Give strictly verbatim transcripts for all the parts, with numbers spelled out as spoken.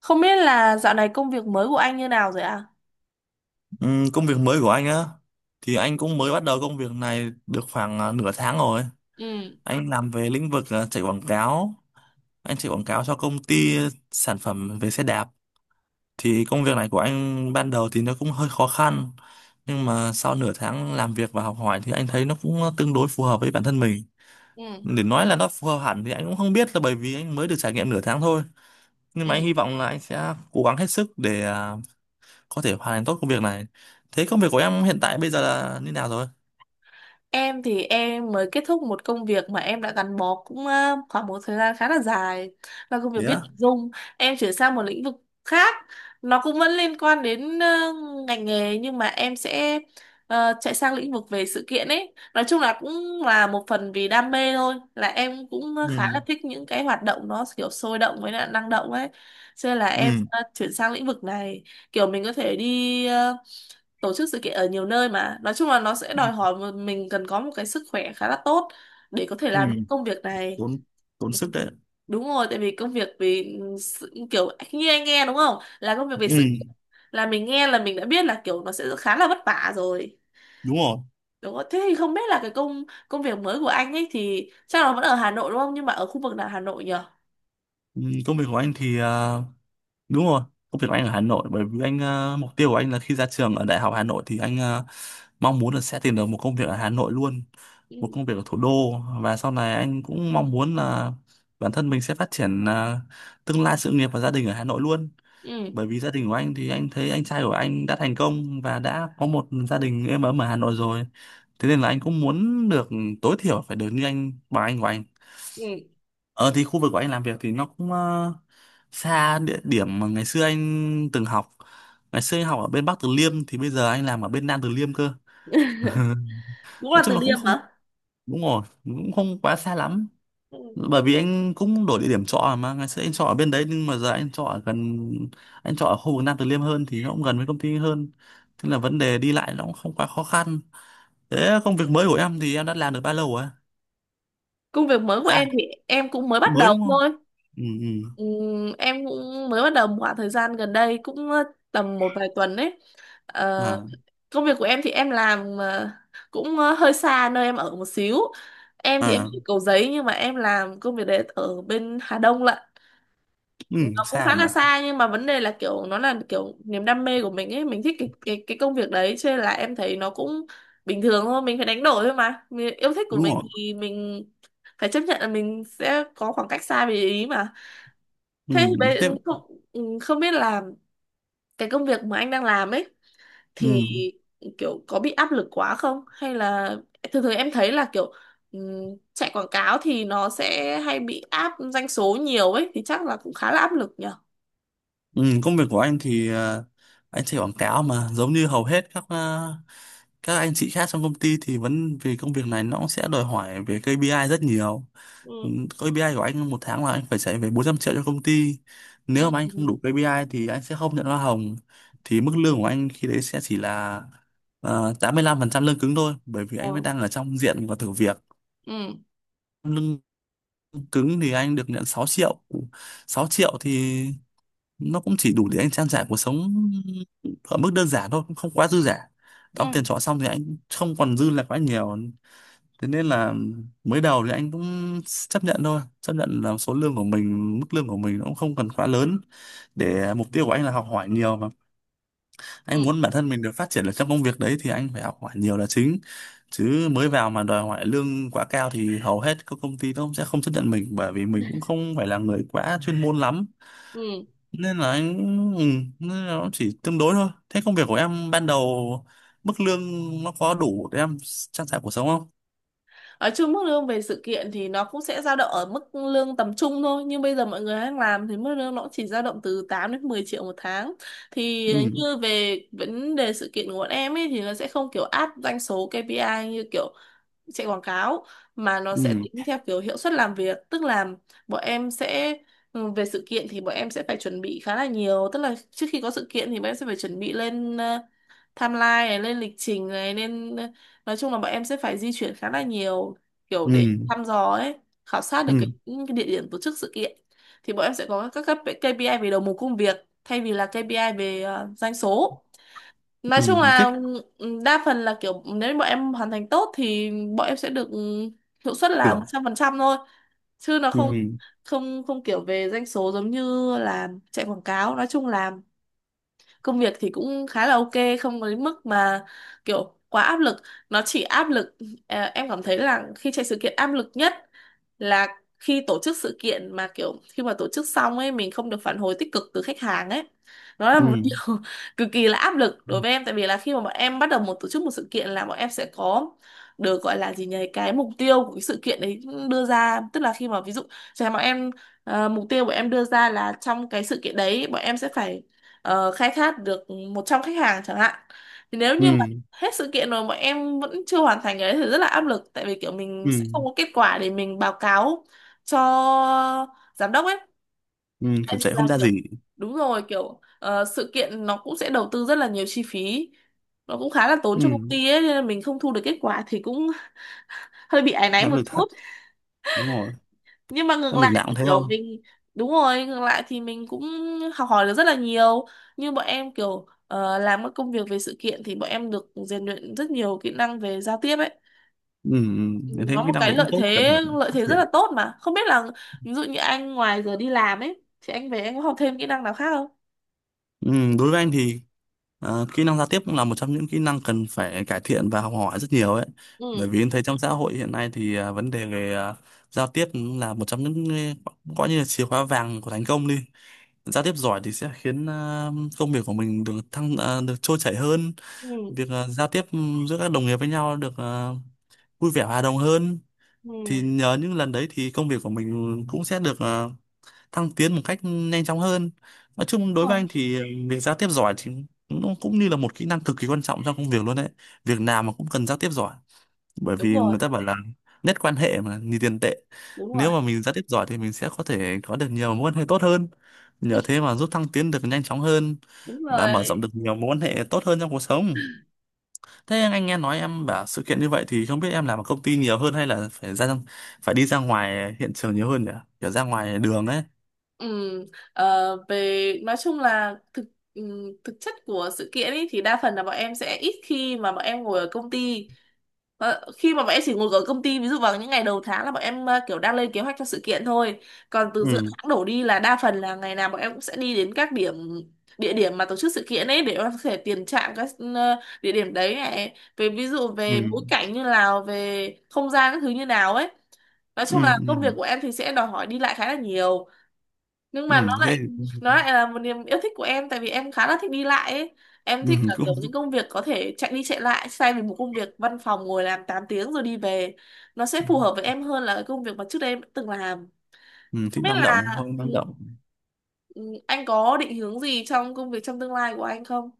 Không biết là dạo này công việc mới của anh như nào rồi ạ? Ừ, công việc mới của anh á thì anh cũng mới bắt đầu công việc này được khoảng à, nửa tháng rồi. Ừ. Anh làm về lĩnh vực à, chạy quảng cáo. Anh chạy quảng cáo cho công ty sản phẩm về xe đạp. Thì công việc này của anh ban đầu thì nó cũng hơi khó khăn. Nhưng mà sau nửa tháng làm việc và học hỏi thì anh thấy nó cũng tương đối phù hợp với bản thân mình. Ừ. Để nói là nó phù hợp hẳn thì anh cũng không biết là bởi vì anh mới được trải nghiệm nửa tháng thôi. Nhưng mà anh Ừ. hy vọng là anh sẽ cố gắng hết sức để à, có thể hoàn thành tốt công việc này. Thế công việc của em hiện tại bây giờ là như nào rồi? Em thì em mới kết thúc một công việc mà em đã gắn bó cũng ờ, khoảng một thời gian khá là dài, là công việc viết Yeah. nội dung. Em chuyển sang một lĩnh vực khác, nó cũng vẫn liên quan đến ờ, ngành nghề nhưng mà em sẽ ờ, chạy sang lĩnh vực về sự kiện ấy. Nói chung là cũng là một phần vì đam mê thôi, là em cũng khá là Ừ. thích những cái hoạt động nó kiểu sôi động với lại năng động ấy. Cho nên là em Ừ. ờ, chuyển sang lĩnh vực này, kiểu mình có thể đi tổ chức sự kiện ở nhiều nơi, mà nói chung là nó sẽ đòi hỏi một- mình cần có một cái sức khỏe khá là tốt để có thể Ừ. làm được công việc này. tốn Tốn sức đấy. Đúng rồi, tại vì công việc vì sự, kiểu như anh nghe đúng không là công việc về Ừ. sự, là mình nghe là mình đã biết là kiểu nó sẽ khá là vất vả rồi, Đúng rồi. đúng không? Thế thì không biết là cái công công việc mới của anh ấy thì chắc là vẫn ở Hà Nội đúng không, nhưng mà ở khu vực nào Hà Nội nhỉ? Ừ. Công việc của anh thì à, đúng rồi, công việc của anh ở Hà Nội, bởi vì anh, à, mục tiêu của anh là khi ra trường ở Đại học Hà Nội thì anh à, mong muốn là sẽ tìm được một công việc ở Hà Nội luôn, một Ừ. công việc ở thủ đô. Và sau này anh cũng mong muốn là bản thân mình sẽ phát triển, à, tương lai sự nghiệp và gia đình ở Hà Nội luôn, Ừ. bởi vì gia đình của anh thì anh thấy anh trai của anh đã thành công và đã có một gia đình êm ấm ở Hà Nội rồi. Thế nên là anh cũng muốn được tối thiểu phải được như anh, bằng anh của anh. Ừ. Ờ thì khu vực của anh làm việc thì nó cũng ờ, xa địa điểm mà ngày xưa anh từng học. Ngày xưa anh học ở bên Bắc Từ Liêm thì bây giờ anh làm ở bên Nam Từ Liêm cơ. Cũng là Nói chung Từ là cũng Liêm không, hả? đúng rồi, cũng không quá xa lắm, Ừ. bởi vì anh cũng đổi địa điểm trọ. Mà ngày xưa anh trọ ở bên đấy nhưng mà giờ anh trọ ở gần, anh trọ ở khu vực Nam Từ Liêm hơn thì nó cũng gần với công ty hơn, thế là vấn đề đi lại nó cũng không quá khó khăn. Thế công việc mới của em thì em đã làm được bao lâu rồi? Công việc mới của À, em thì em cũng mới bắt mới đầu đúng không? thôi. Ừ. Ừ. Ừm, em cũng mới bắt đầu một khoảng thời gian gần đây, cũng ờ, tầm một vài tuần đấy. Ờ, À. công việc của em thì em làm ờ, cũng ờ, hơi xa nơi em ở một xíu. Em thì em À. ở Cầu Giấy, nhưng mà em làm công việc đấy ở bên Hà Đông lận. Ừ. Nó cũng Xa khá nhỉ. là xa, nhưng mà vấn đề là kiểu nó là kiểu niềm đam mê của mình ấy, mình thích cái cái cái công việc đấy, cho nên là em thấy nó cũng bình thường thôi. Mình phải đánh đổi thôi, mà mình, yêu thích của Đúng mình rồi. thì mình phải chấp nhận là mình sẽ có khoảng cách xa về ý mà. Ừ. Thế thì bây Thế. không ừ, không biết là cái công việc mà anh đang làm ấy thì Ừ. kiểu có bị áp lực quá không, hay là thường thường em thấy là kiểu ừ, chạy quảng cáo thì nó sẽ hay bị áp doanh số nhiều ấy, thì chắc là cũng khá là áp lực nhở? Ừ, công việc của anh thì ờ, anh chạy quảng cáo mà giống như hầu hết các ờ, các anh chị khác trong công ty, thì vẫn vì công việc này nó cũng sẽ đòi hỏi về kê pi ai rất nhiều. Ừ, Ừ. kê pi ai của anh một tháng là anh phải chạy về bốn trăm triệu cho công ty. Ừ. Nếu mà anh không đủ kê pi ai thì anh sẽ không nhận hoa hồng. Thì mức lương của anh khi đấy sẽ chỉ là ờ, tám mươi lăm phần trăm lương cứng thôi, bởi vì anh vẫn Ừ. đang ở trong diện và thử việc. Ừ. Lương cứng thì anh được nhận sáu triệu. Sáu triệu thì nó cũng chỉ đủ để anh trang trải cuộc sống ở mức đơn giản thôi, cũng không quá dư giả. Đóng tiền Ừ. trọ xong thì anh không còn dư là quá nhiều. Thế nên là mới đầu thì anh cũng chấp nhận thôi, chấp nhận là số lương của mình, mức lương của mình nó cũng không cần quá lớn, Ừ. để mục tiêu của anh là học hỏi nhiều mà. Anh muốn bản thân mình được phát triển ở trong công việc đấy thì anh phải học hỏi nhiều là chính, chứ mới vào mà đòi hỏi lương quá cao thì hầu hết các công ty nó cũng sẽ không chấp nhận mình, bởi vì mình cũng không phải là người quá chuyên môn lắm. Ừ. Nên là anh ừ, nên là nó chỉ tương đối thôi. Thế công việc của em ban đầu, mức lương nó có đủ để em trang trải cuộc sống không? Ở chung mức lương về sự kiện thì nó cũng sẽ dao động ở mức lương tầm trung thôi. Nhưng bây giờ mọi người đang làm thì mức lương nó cũng chỉ dao động từ tám đến mười triệu một tháng. Thì Ừ. như về vấn đề sự kiện của bọn em ấy thì nó sẽ không kiểu áp doanh số ca pê i như kiểu chạy quảng cáo, mà nó sẽ Ừ. tính theo kiểu hiệu suất làm việc. Tức là bọn em sẽ ừ, về sự kiện thì bọn em sẽ phải chuẩn bị khá là nhiều. Tức là trước khi có sự kiện thì bọn em sẽ phải chuẩn bị lên ờ, timeline này, lên lịch trình này, nên nói chung là bọn em sẽ phải di chuyển khá là nhiều, kiểu để Ừ. thăm dò ấy, khảo sát được cái, Ừ. những cái địa điểm tổ chức sự kiện. Thì bọn em sẽ có các các kê pi ai về đầu mục công việc, thay vì là ca pê i về ờ, doanh số. Nói Ừ. chung Thích. là ừ, đa phần là kiểu nếu bọn em hoàn thành tốt thì bọn em sẽ được ừ, hiệu suất là một Tưởng. trăm phần trăm thôi, chứ nó Ừ. không không không kiểu về doanh số giống như là chạy quảng cáo. Nói chung là công việc thì cũng khá là ok, không có đến mức mà kiểu quá áp lực. Nó chỉ áp lực, ờ, em cảm thấy là khi chạy sự kiện áp lực nhất là khi tổ chức sự kiện mà kiểu khi mà tổ chức xong ấy mình không được phản hồi tích cực từ khách hàng ấy, nó là Ừ. một điều cực kỳ là áp lực đối với em. Tại vì là khi mà bọn em bắt đầu một tổ chức một sự kiện là bọn em sẽ có, được gọi là gì nhỉ, cái mục tiêu của cái sự kiện đấy đưa ra. Tức là khi mà ví dụ chẳng hạn bọn em ờ, mục tiêu bọn em đưa ra là trong cái sự kiện đấy bọn em sẽ phải ờ, khai thác được một trăm khách hàng chẳng hạn. Thì nếu như mà Ừ. hết sự kiện rồi mà em vẫn chưa hoàn thành cái đấy thì rất là áp lực, tại vì kiểu mình Ừ. sẽ không có kết quả để mình báo cáo cho giám đốc ấy. Ừ. Tại Kiểu vì chạy là không ra kiểu, gì. đúng rồi, kiểu ờ, sự kiện nó cũng sẽ đầu tư rất là nhiều chi phí, nó cũng khá là tốn cho công Ừ. ty ấy, nên là mình không thu được kết quả thì cũng hơi bị áy náy Áp một lực thật. chút. Đúng rồi. Nhưng mà ngược Công việc lại nào cũng thì thế kiểu thôi. mình, đúng rồi, ngược lại thì mình cũng học hỏi được rất là nhiều. Như bọn em kiểu ờ, làm các công việc về sự kiện thì bọn em được rèn luyện rất nhiều kỹ năng về giao tiếp ấy. Ừ. Ừ. Ừ, Em thấy nó cái một năng cái lực cũng lợi tốt, cần thế, phải lợi phát thế rất triển. là tốt, mà không biết là ví dụ như anh ngoài giờ đi làm ấy thì anh về anh có học thêm kỹ năng nào khác không? Ừ, đối với anh thì ờ, kỹ năng giao tiếp cũng là một trong những kỹ năng cần phải cải thiện và học hỏi rất nhiều ấy. Ừ. Bởi vì em thấy trong xã hội hiện nay thì ờ, vấn đề về ờ, giao tiếp cũng là một trong những, ờ, coi như là chìa khóa vàng của thành công đi. Giao tiếp giỏi thì sẽ khiến ờ, công việc của mình được thăng ờ, được trôi chảy hơn, Ừ. việc ờ, giao tiếp giữa các đồng nghiệp với nhau được ờ, vui vẻ hòa đồng hơn. Thì Ừ. nhờ những lần đấy thì công việc của mình cũng sẽ được ờ, thăng tiến một cách nhanh chóng hơn. Nói chung đối với anh thì ờ, việc giao tiếp giỏi thì nó cũng như là một kỹ năng cực kỳ quan trọng trong công việc luôn đấy, việc nào mà cũng cần giao tiếp giỏi, bởi vì Đúng rồi. người ta bảo là nhất quan hệ mà như tiền tệ. Đúng rồi. Đúng rồi. Nếu mà mình giao tiếp giỏi thì mình sẽ có thể có được nhiều mối quan hệ tốt hơn, nhờ thế mà giúp thăng tiến được nhanh chóng hơn Đúng và rồi. mở rộng được nhiều mối quan hệ tốt hơn trong cuộc sống. Thế anh nghe nói em bảo sự kiện như vậy thì không biết em làm ở công ty nhiều hơn hay là phải ra phải đi ra ngoài hiện trường nhiều hơn nhỉ, kiểu ra ngoài đường ấy. Ừ, ờ, về nói chung là thực ừm, thực chất của sự kiện ý, thì đa phần là bọn em sẽ ít khi mà bọn em ngồi ở công ty. Ờ, khi mà bọn em chỉ ngồi ở công ty ví dụ vào những ngày đầu tháng là bọn em ờ, kiểu đang lên kế hoạch cho sự kiện thôi, còn từ giữa Ừ. tháng đổ đi là đa phần là ngày nào bọn em cũng sẽ đi đến các điểm, địa điểm mà tổ chức sự kiện ấy, để bọn em có thể tiền trạm các ờ, địa điểm đấy này, về ví dụ Ừ. về bối cảnh như nào, về không gian các thứ như nào ấy. Nói Ừ. chung là công việc Ừ. của em thì sẽ đòi hỏi đi lại khá là nhiều, nhưng mà Ừ. nó Thế. lại, nó lại là một niềm yêu thích của em tại vì em khá là thích đi lại ấy. Em Ừ, thích là cũng. kiểu những công việc có thể chạy đi chạy lại thay vì một công việc văn phòng ngồi làm tám tiếng rồi đi về. Nó sẽ phù hợp với em hơn là cái công việc mà trước đây em đã từng làm. Ừ, Không thích biết năng là động thôi, ừ, năng động. ừ, anh có định hướng gì trong công việc trong tương lai của anh không?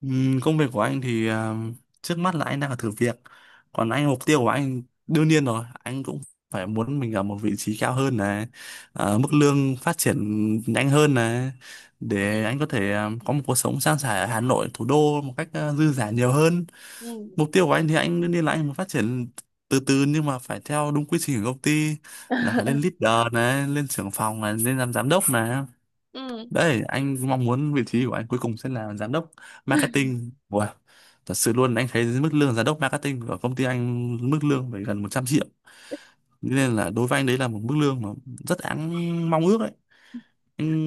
Ừ, công việc của anh thì à, trước mắt là anh đang ở thử việc. Còn anh, mục tiêu của anh đương nhiên rồi, anh cũng phải muốn mình ở một vị trí cao hơn này, à, mức lương phát triển nhanh hơn này, Ừ. để anh có thể à, có một cuộc sống sang sẻ ở Hà Nội thủ đô một cách à, dư dả nhiều hơn. Ừ. Mục tiêu của anh thì anh đương nhiên là anh muốn phát triển từ từ, nhưng mà phải theo đúng quy trình của công ty, là phải lên leader này, lên trưởng phòng này, lên làm giám đốc này. Ừ. Đấy, anh mong muốn vị trí của anh cuối cùng sẽ là giám đốc marketing. Wow. Thật sự luôn, anh thấy mức lương giám đốc marketing ở công ty anh, mức lương phải gần một trăm triệu, nên là đối với anh đấy là một mức lương mà rất đáng mong ước đấy.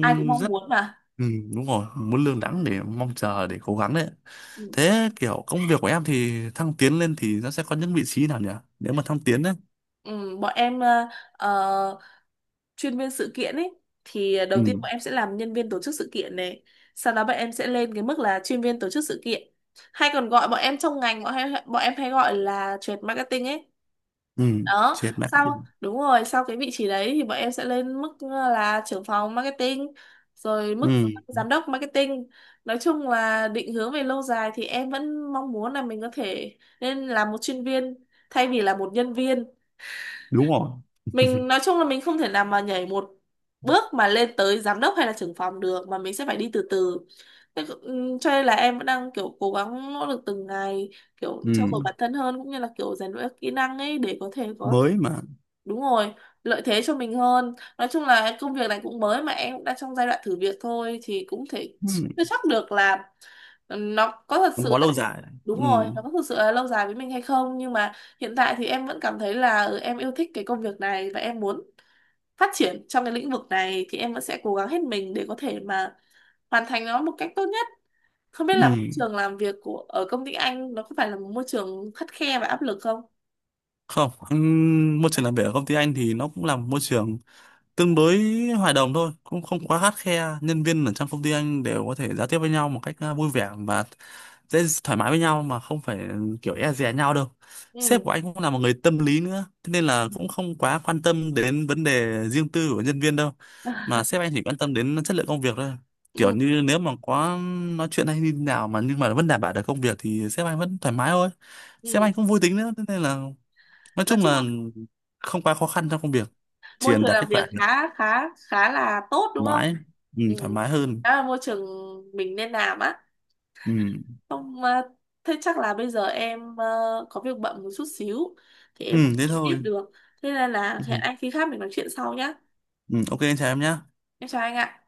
Ai cũng mong rất muốn mà. Ừ, đúng rồi, muốn lương đẳng để mong chờ để cố gắng đấy. Ừ. Thế kiểu công việc của em thì thăng tiến lên thì nó sẽ có những vị trí nào nhỉ? Nếu mà thăng tiến đấy. Ừ, bọn em ờ, ờ, chuyên viên sự kiện ấy thì à, đầu tiên Ừ. bọn em sẽ làm nhân viên tổ chức sự kiện này, sau đó bọn em sẽ lên cái mức là chuyên viên tổ chức sự kiện, hay còn gọi bọn em trong ngành bọn em bọn em hay gọi là trade marketing ấy Ừ, đó. chết mẹ. Sau, đúng rồi, sau cái vị trí đấy thì bọn em sẽ lên mức ờ, là trưởng phòng marketing, rồi Ừ, mức giám đốc marketing. Nói chung là định hướng về lâu dài thì em vẫn mong muốn là mình có thể nên là một chuyên viên thay vì là một nhân viên. đúng rồi. Mình nói chung là mình không thể nào mà nhảy một bước mà lên tới giám đốc hay là trưởng phòng được, mà mình sẽ phải đi từ từ. Thế c- ừm, cho nên là em vẫn đang kiểu cố gắng nỗ lực từng ngày, kiểu trau Ừ, dồi bản thân hơn cũng như là kiểu rèn luyện các kỹ năng ấy để có thể có, mới mà. Đúng rồi, lợi thế cho mình hơn. Nói chung là công việc này cũng mới mà em cũng đang trong giai đoạn thử việc thôi thì cũng thể Ừ, chưa chắc được là ừ, nó có thật gắn sự bó là, lâu dài. đúng Ừ. rồi, nó có thật sự là lâu dài với mình hay không, nhưng mà hiện tại thì em vẫn cảm thấy là ừ, em yêu thích cái công việc này và em muốn phát triển trong cái lĩnh vực này, thì em vẫn sẽ cố gắng hết mình để có thể mà hoàn thành nó một cách tốt nhất. Không biết là môi Ừ. trường làm việc của ở công ty anh nó có phải là một môi trường khắt khe và áp lực không? Không, ừ, môi trường làm việc ở công ty anh thì nó cũng là một môi trường tương đối hòa đồng thôi, cũng không quá khắt khe. Nhân viên ở trong công ty anh đều có thể giao tiếp với nhau một cách à, vui vẻ và dễ thoải mái với nhau, mà không phải ừ, kiểu e dè nhau đâu. Sếp Ừ. của anh cũng là một người tâm lý nữa, thế nên là cũng không quá quan tâm đến vấn đề riêng tư của nhân viên đâu, mà sếp anh chỉ quan tâm đến chất lượng công việc thôi. Kiểu Ừ. như nếu mà có nói chuyện hay như thế nào mà nhưng mà vẫn đảm bảo được công việc thì sếp anh vẫn thoải mái thôi. Sếp Ừ. anh cũng vui tính nữa, thế nên là nói Nói chung chung là là không quá khó khăn trong công việc, chỉ môi cần trường đạt kết làm việc quả. khá khá khá là tốt đúng Thoải không? mái. Ừ, Ừ. thoải mái hơn. Đó là môi trường mình nên làm á. Ừ. Không ờ, thế chắc là bây giờ em ờ, có việc bận một chút xíu thì em không Ừ thế nói tiếp thôi. được, thế nên là hẹn Ừ. anh khi khác mình nói chuyện sau nhá. Ừ, ok anh chào em nhé. Em chào anh ạ.